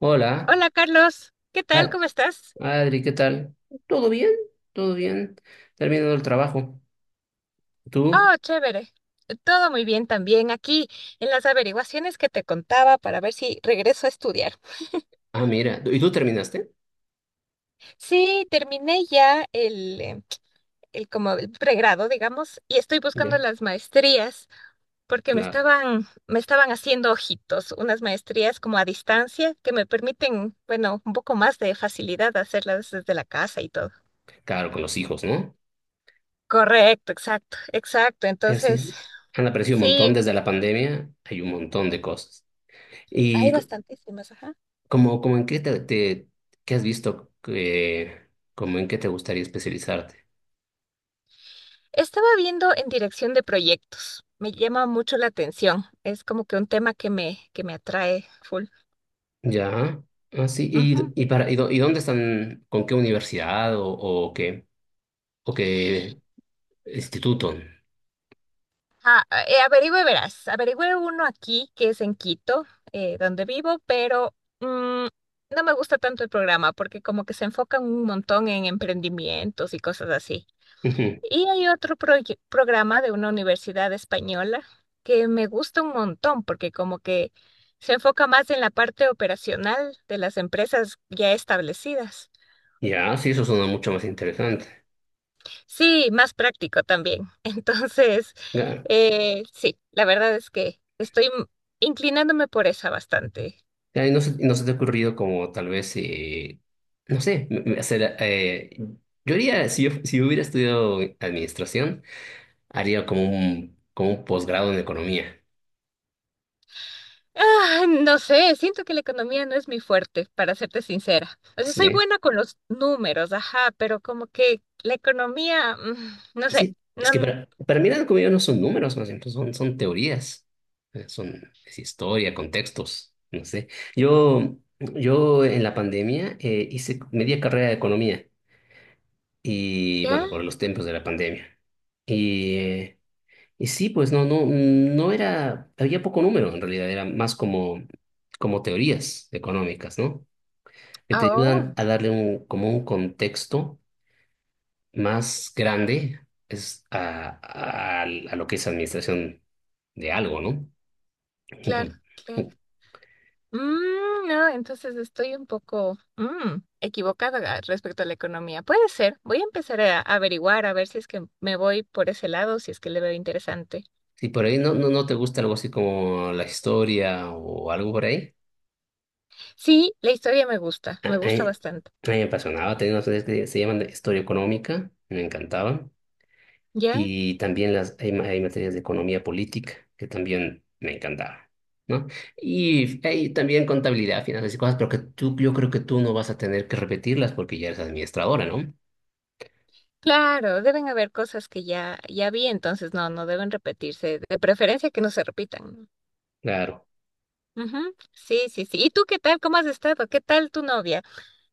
Hola, Hola Carlos, ¿qué tal? Ad- ¿Cómo estás? Adri, ¿qué tal? ¿Todo bien? ¿Todo bien? Terminando el trabajo. ¿Tú? Oh, chévere. Todo muy bien también aquí en las averiguaciones que te contaba para ver si regreso a estudiar. Ah, mira. ¿Y tú terminaste? Sí, terminé ya el como el pregrado, digamos, y estoy buscando Ya, las maestrías porque me claro. estaban, me estaban haciendo ojitos, unas maestrías como a distancia que me permiten, bueno, un poco más de facilidad hacerlas desde la casa y todo. Claro, con los hijos, ¿no? Correcto, exacto, exacto. Es Entonces, así. Han aparecido un sí, montón desde la pandemia. Hay un montón de cosas. ¿Y hay c- bastantísimas, ajá. como en qué te qué has visto? Como en qué te gustaría especializarte? Estaba viendo en dirección de proyectos. Me llama mucho la atención. Es como que un tema que que me atrae full. Ya. Ah, sí. Ujú. Y, para, y, y dónde están? ¿Con qué universidad o qué? ¿O qué instituto? Ah, averigüe, verás. Averigüe uno aquí que es en Quito, donde vivo, pero mm, no me gusta tanto el programa porque como que se enfocan un montón en emprendimientos y cosas así. Ujú. Y hay otro programa de una universidad española que me gusta un montón porque como que se enfoca más en la parte operacional de las empresas ya establecidas. Ya, sí, eso suena mucho más interesante. Sí, más práctico también. Entonces, Claro. Sí, la verdad es que estoy inclinándome por esa bastante. Ya, y no se te ha ocurrido como tal vez, no sé, hacer... yo haría, si yo hubiera estudiado administración, haría como un posgrado en economía. Ah, no sé, siento que la economía no es mi fuerte, para serte sincera. O sea, soy Sí, buena con los números, ajá, pero como que la economía, no sé. sí. Es que No. para mí la economía no son números, más bien, pues, son teorías. Son es historia, contextos, no sé. Yo en la pandemia hice media carrera de economía, y ¿Ya? bueno, por los tiempos de la pandemia. Y, eh, y sí, pues no era, había poco número en realidad, era más como, como teorías económicas, ¿no? Que Ah. te Oh, ayudan a darle un, como un contexto más grande a lo que es administración de algo, ¿no? Un- claro, un- claro. No, entonces estoy un poco equivocada respecto a la economía. Puede ser. Voy a empezar a averiguar, a ver si es que me voy por ese lado, si es que le veo interesante. Si por ahí no te gusta algo así como la historia o algo por ahí. Sí, la historia A a me mí, gusta bastante. a mí me apasionaba, tenía unas materias que se llaman de historia económica, me encantaban, ¿Ya? y también hay, hay materias de economía política que también me encantaban, ¿no? Y hay también contabilidad, finanzas y cosas, pero que tú, yo creo que tú no vas a tener que repetirlas porque ya eres administradora, ¿no? Claro, deben haber cosas que ya, ya vi, entonces no, no deben repetirse. De preferencia que no se repitan. Claro. Ujú. Sí, sí, sí. ¿Y tú qué tal? ¿Cómo has estado? ¿Qué tal tu novia?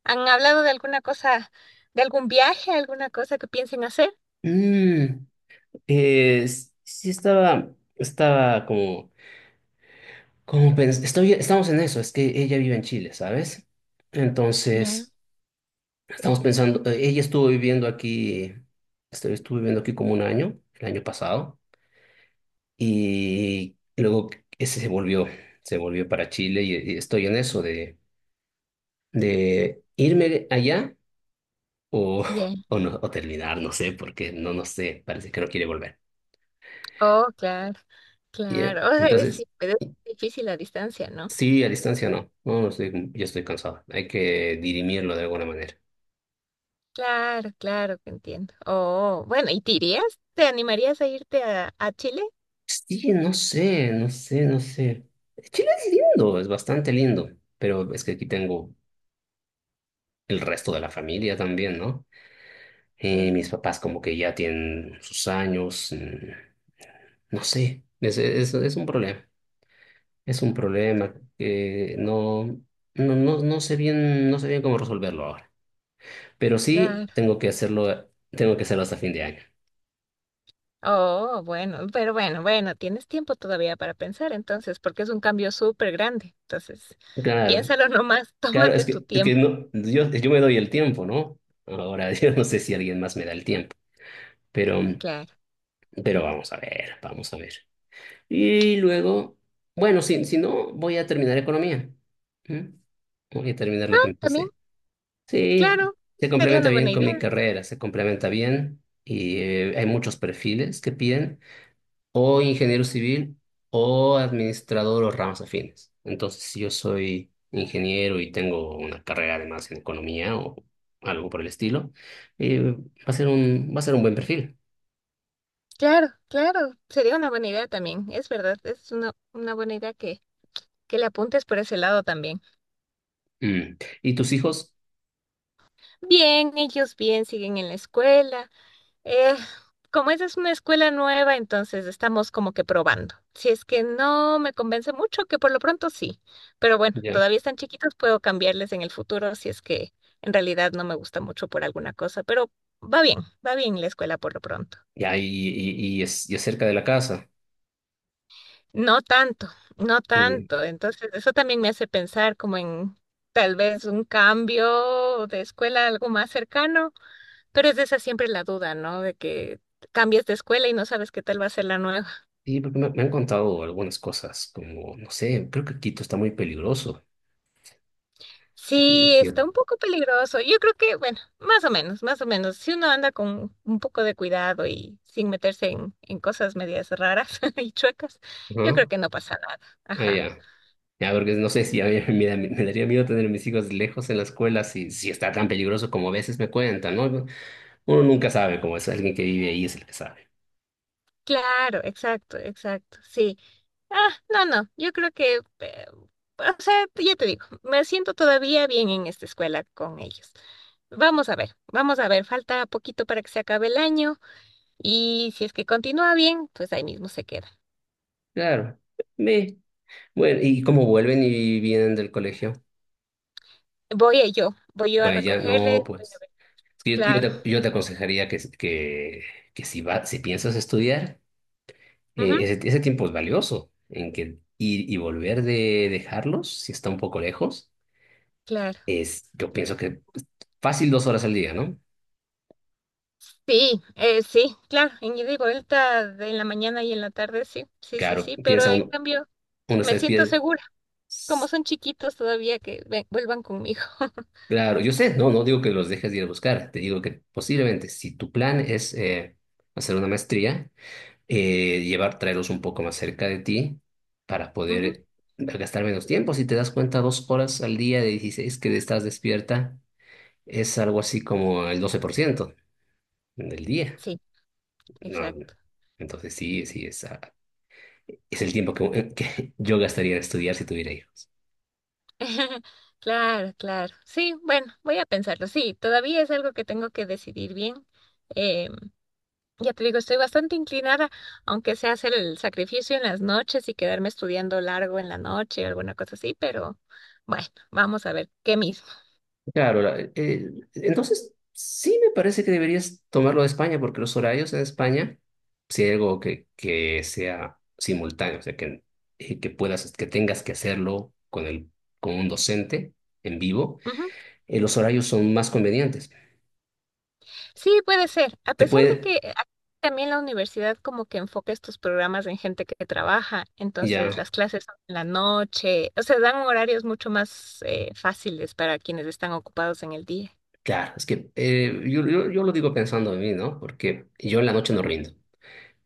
¿Han hablado de alguna cosa, de algún viaje, alguna cosa que piensen hacer? Mm, sí estaba, estaba como, estoy, estamos en eso, es que ella vive en Chile, ¿sabes? Ya, Entonces... Estamos pensando, ella estuvo viviendo aquí, estuvo viviendo aquí como un año, el año pasado, y luego ese se volvió para Chile y estoy en eso de irme allá o, bien. No, o terminar, no sé, porque no sé, parece que no quiere volver. Oh, claro, Ya. claro. O sea, Entonces, sí, pero es difícil la distancia, ¿no? sí, a distancia no yo estoy cansado, hay que dirimirlo de alguna manera. Claro, claro que entiendo. Oh, bueno, ¿y te irías? ¿Te animarías a irte a Chile? Sí, no sé, no sé, no sé. Chile es lindo, es bastante lindo, pero es que aquí tengo el resto de la familia también, ¿no? Claro, Mis papás como que ya tienen sus años, mm, no sé, es un problema que no sé bien, no sé bien cómo resolverlo ahora, pero sí claro. Tengo que hacerlo hasta fin de año. Oh, bueno, pero bueno, bueno, tienes tiempo todavía para pensar entonces, porque es un cambio súper grande. Entonces, Claro, piénsalo nomás, claro, tómate es tu que, es que tiempo. no, yo me doy el tiempo, ¿no? Ahora yo no sé si alguien más me da el tiempo. Pero, Claro. pero vamos a ver, vamos a ver. Y luego, bueno, si no, voy a terminar economía. ¿Mm? Voy a terminar lo que Ah, también, empecé. Sí, claro, se sería complementa una bien buena con mi idea. carrera, se complementa bien y hay muchos perfiles que piden o ingeniero civil o administrador o ramas afines. Entonces, si yo soy ingeniero y tengo una carrera además en economía o algo por el estilo, eh, va va a ser un buen perfil. Claro, claro, sería una buena idea también, es verdad, es una buena idea que le apuntes por ese lado también. Mm. ¿Y tus hijos? Bien, ellos bien, siguen en la escuela. Eh, Como esa es una escuela nueva, entonces estamos como que probando. Si es que no me convence mucho, que por lo pronto sí, pero bueno, todavía están chiquitos, puedo cambiarles en el futuro si es que en realidad no me gusta mucho por alguna cosa, pero va bien, va bien la escuela por lo pronto. Ya, y es cerca de la casa. No tanto, no Y, tanto. Entonces, eso también me hace pensar como en tal vez un cambio de escuela, a algo más cercano, pero es de esa siempre la duda, ¿no? De que cambies de escuela y no sabes qué tal va a ser la nueva. y porque me han contado algunas cosas, como, no sé, creo que Quito está muy peligroso. Y Sí, yo, está un poco peligroso. Yo creo que, bueno, más o menos, más o menos. Si uno anda con un poco de cuidado y sin meterse en cosas medias raras y chuecas, yo creo ¿no? que no pasa nada. Ah, Ajá. ya. Ya, porque no sé si a mí me daría miedo tener a mis hijos lejos en la escuela si, si está tan peligroso como a veces me cuentan, ¿no? Uno nunca sabe, como es alguien que vive ahí es el que sabe. Claro, exacto, exacto. Sí. Ah, no, no, yo creo que, o sea, ya te digo, me siento todavía bien en esta escuela con ellos. Vamos a ver, falta poquito para que se acabe el año y si es que continúa bien, pues ahí mismo se queda. Claro. Me. Bueno, ¿y cómo vuelven y vienen del colegio? Yo, voy yo a Vaya, no, recogerle. Voy a pues, ver. es que Yo, Claro, yo te, yo te aconsejaría que si, si piensas estudiar, ujú, ese tiempo es valioso, en que ir y volver de dejarlos, si está un poco lejos, claro. es, yo pienso que fácil 2 horas al día, ¿no? Sí, sí, claro, en ida y vuelta en la mañana y en la tarde, sí, sí, sí, Claro, sí, pero piensa en uno, cambio uno está me siento despierto. segura, como son chiquitos todavía que vuelvan conmigo. Claro, yo sé, no digo que los dejes de ir a buscar, te digo que posiblemente si tu plan es hacer una maestría, traerlos un poco más cerca de ti para Ujú. poder gastar menos tiempo. Si te das cuenta, 2 horas al día de 16 que estás despierta es algo así como el 12% del día. Sí, No, no. exacto. Entonces sí, es el tiempo que yo gastaría en estudiar si tuviera hijos. Claro, claro. Sí, bueno, voy a pensarlo. Sí, todavía es algo que tengo que decidir bien. Eh, ya te digo, estoy bastante inclinada, aunque sea hacer el sacrificio en las noches y quedarme estudiando largo en la noche o alguna cosa así, pero bueno, vamos a ver qué mismo. Claro, entonces sí me parece que deberías tomarlo de España, porque los horarios en España, si hay algo que sea simultáneo, o sea, que puedas, que tengas que hacerlo con un docente en vivo, Ujú. Los horarios son más convenientes. Sí, puede ser. A Te pesar de puede, que también la universidad como que enfoca estos programas en gente que trabaja, entonces ya, las clases son en la noche, o sea, dan horarios mucho más fáciles para quienes están ocupados en el día. claro, es que yo lo digo pensando en mí, ¿no? Porque yo en la noche no Ah, rindo,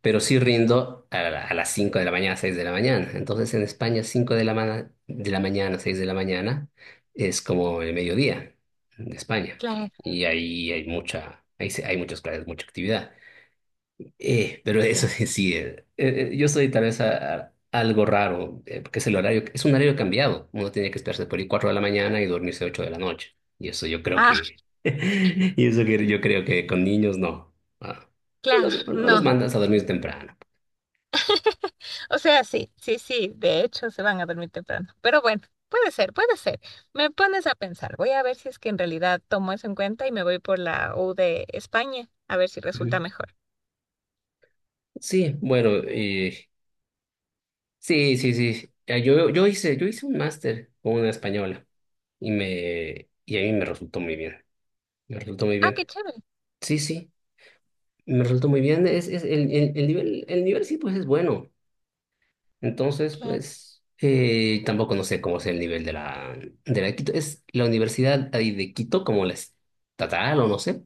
pero sí rindo a las 5 de la mañana, 6 de la mañana. Entonces en España 5 de la mañana, 6 de la mañana es como el mediodía de España. claro, Y ahí hay mucha, hay muchas clases, mucha actividad. Pero eso sí. sí, sí, yo soy tal vez algo raro, porque es el horario, es un horario cambiado. Uno tiene que esperarse por ahí 4 de la mañana y dormirse 8 de la noche. Y eso yo creo Ah, que, y eso que yo creo que con niños no. Ah, claro, no no. los mandas a dormir temprano. O sea, sí, sí, sí, de hecho se van a dormir temprano. Pero bueno, puede ser, puede ser. Me pones a pensar. Voy a ver si es que en realidad tomo eso en cuenta y me voy por la U de España, a ver si resulta Ujú. mejor. Sí, bueno, sí, sí, sí. Yo hice un máster con una española y y a mí me resultó muy bien. Me resultó muy Ah, qué bien. chévere. Sí, sí, me resultó muy bien. Es el nivel sí, pues es bueno. Entonces, Claro. pues, tampoco no sé cómo es el nivel de la, de la de Quito. Es la universidad ahí de Quito, como la estatal o no sé.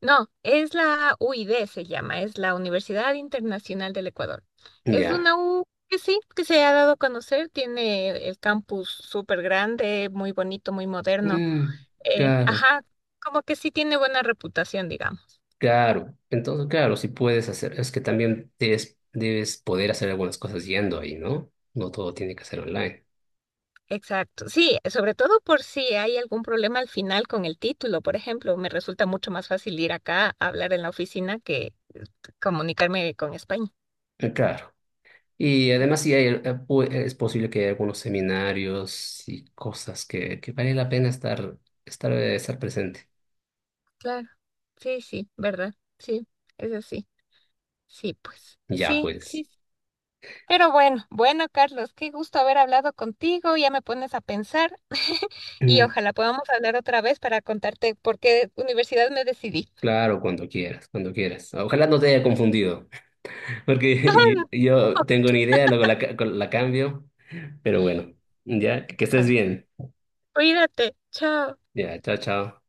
No, es la UID se llama, es la Universidad Internacional del Ecuador. Es Ya. una U que sí, que se ha dado a conocer, tiene el campus súper grande, muy bonito, muy moderno. Mm, claro. Ajá, como que sí tiene buena reputación, digamos. Claro, entonces, claro, si puedes hacer, es que también debes, debes poder hacer algunas cosas yendo ahí, ¿no? No todo tiene que ser online. Exacto. Sí, sobre todo por si hay algún problema al final con el título, por ejemplo, me resulta mucho más fácil ir acá a hablar en la oficina que comunicarme con España. Claro. Y además, sí hay, es posible que haya algunos seminarios y cosas que vale la pena estar, estar presente. Claro. Sí, sí, ¿verdad? Sí, es así. Sí, pues. Ya, Sí, pues. sí, sí. Pero bueno, bueno, Carlos, qué gusto haber hablado contigo, ya me pones a pensar y Mm. ojalá podamos hablar otra vez para contarte por qué universidad me decidí. Claro, cuando quieras, cuando quieras. Ojalá no te haya confundido, porque Ajá, yo un yo tengo poquito. una idea, luego la cambio, pero bueno, ya, que estés Bueno. bien. Cuídate, chao. Ya, chao, chao.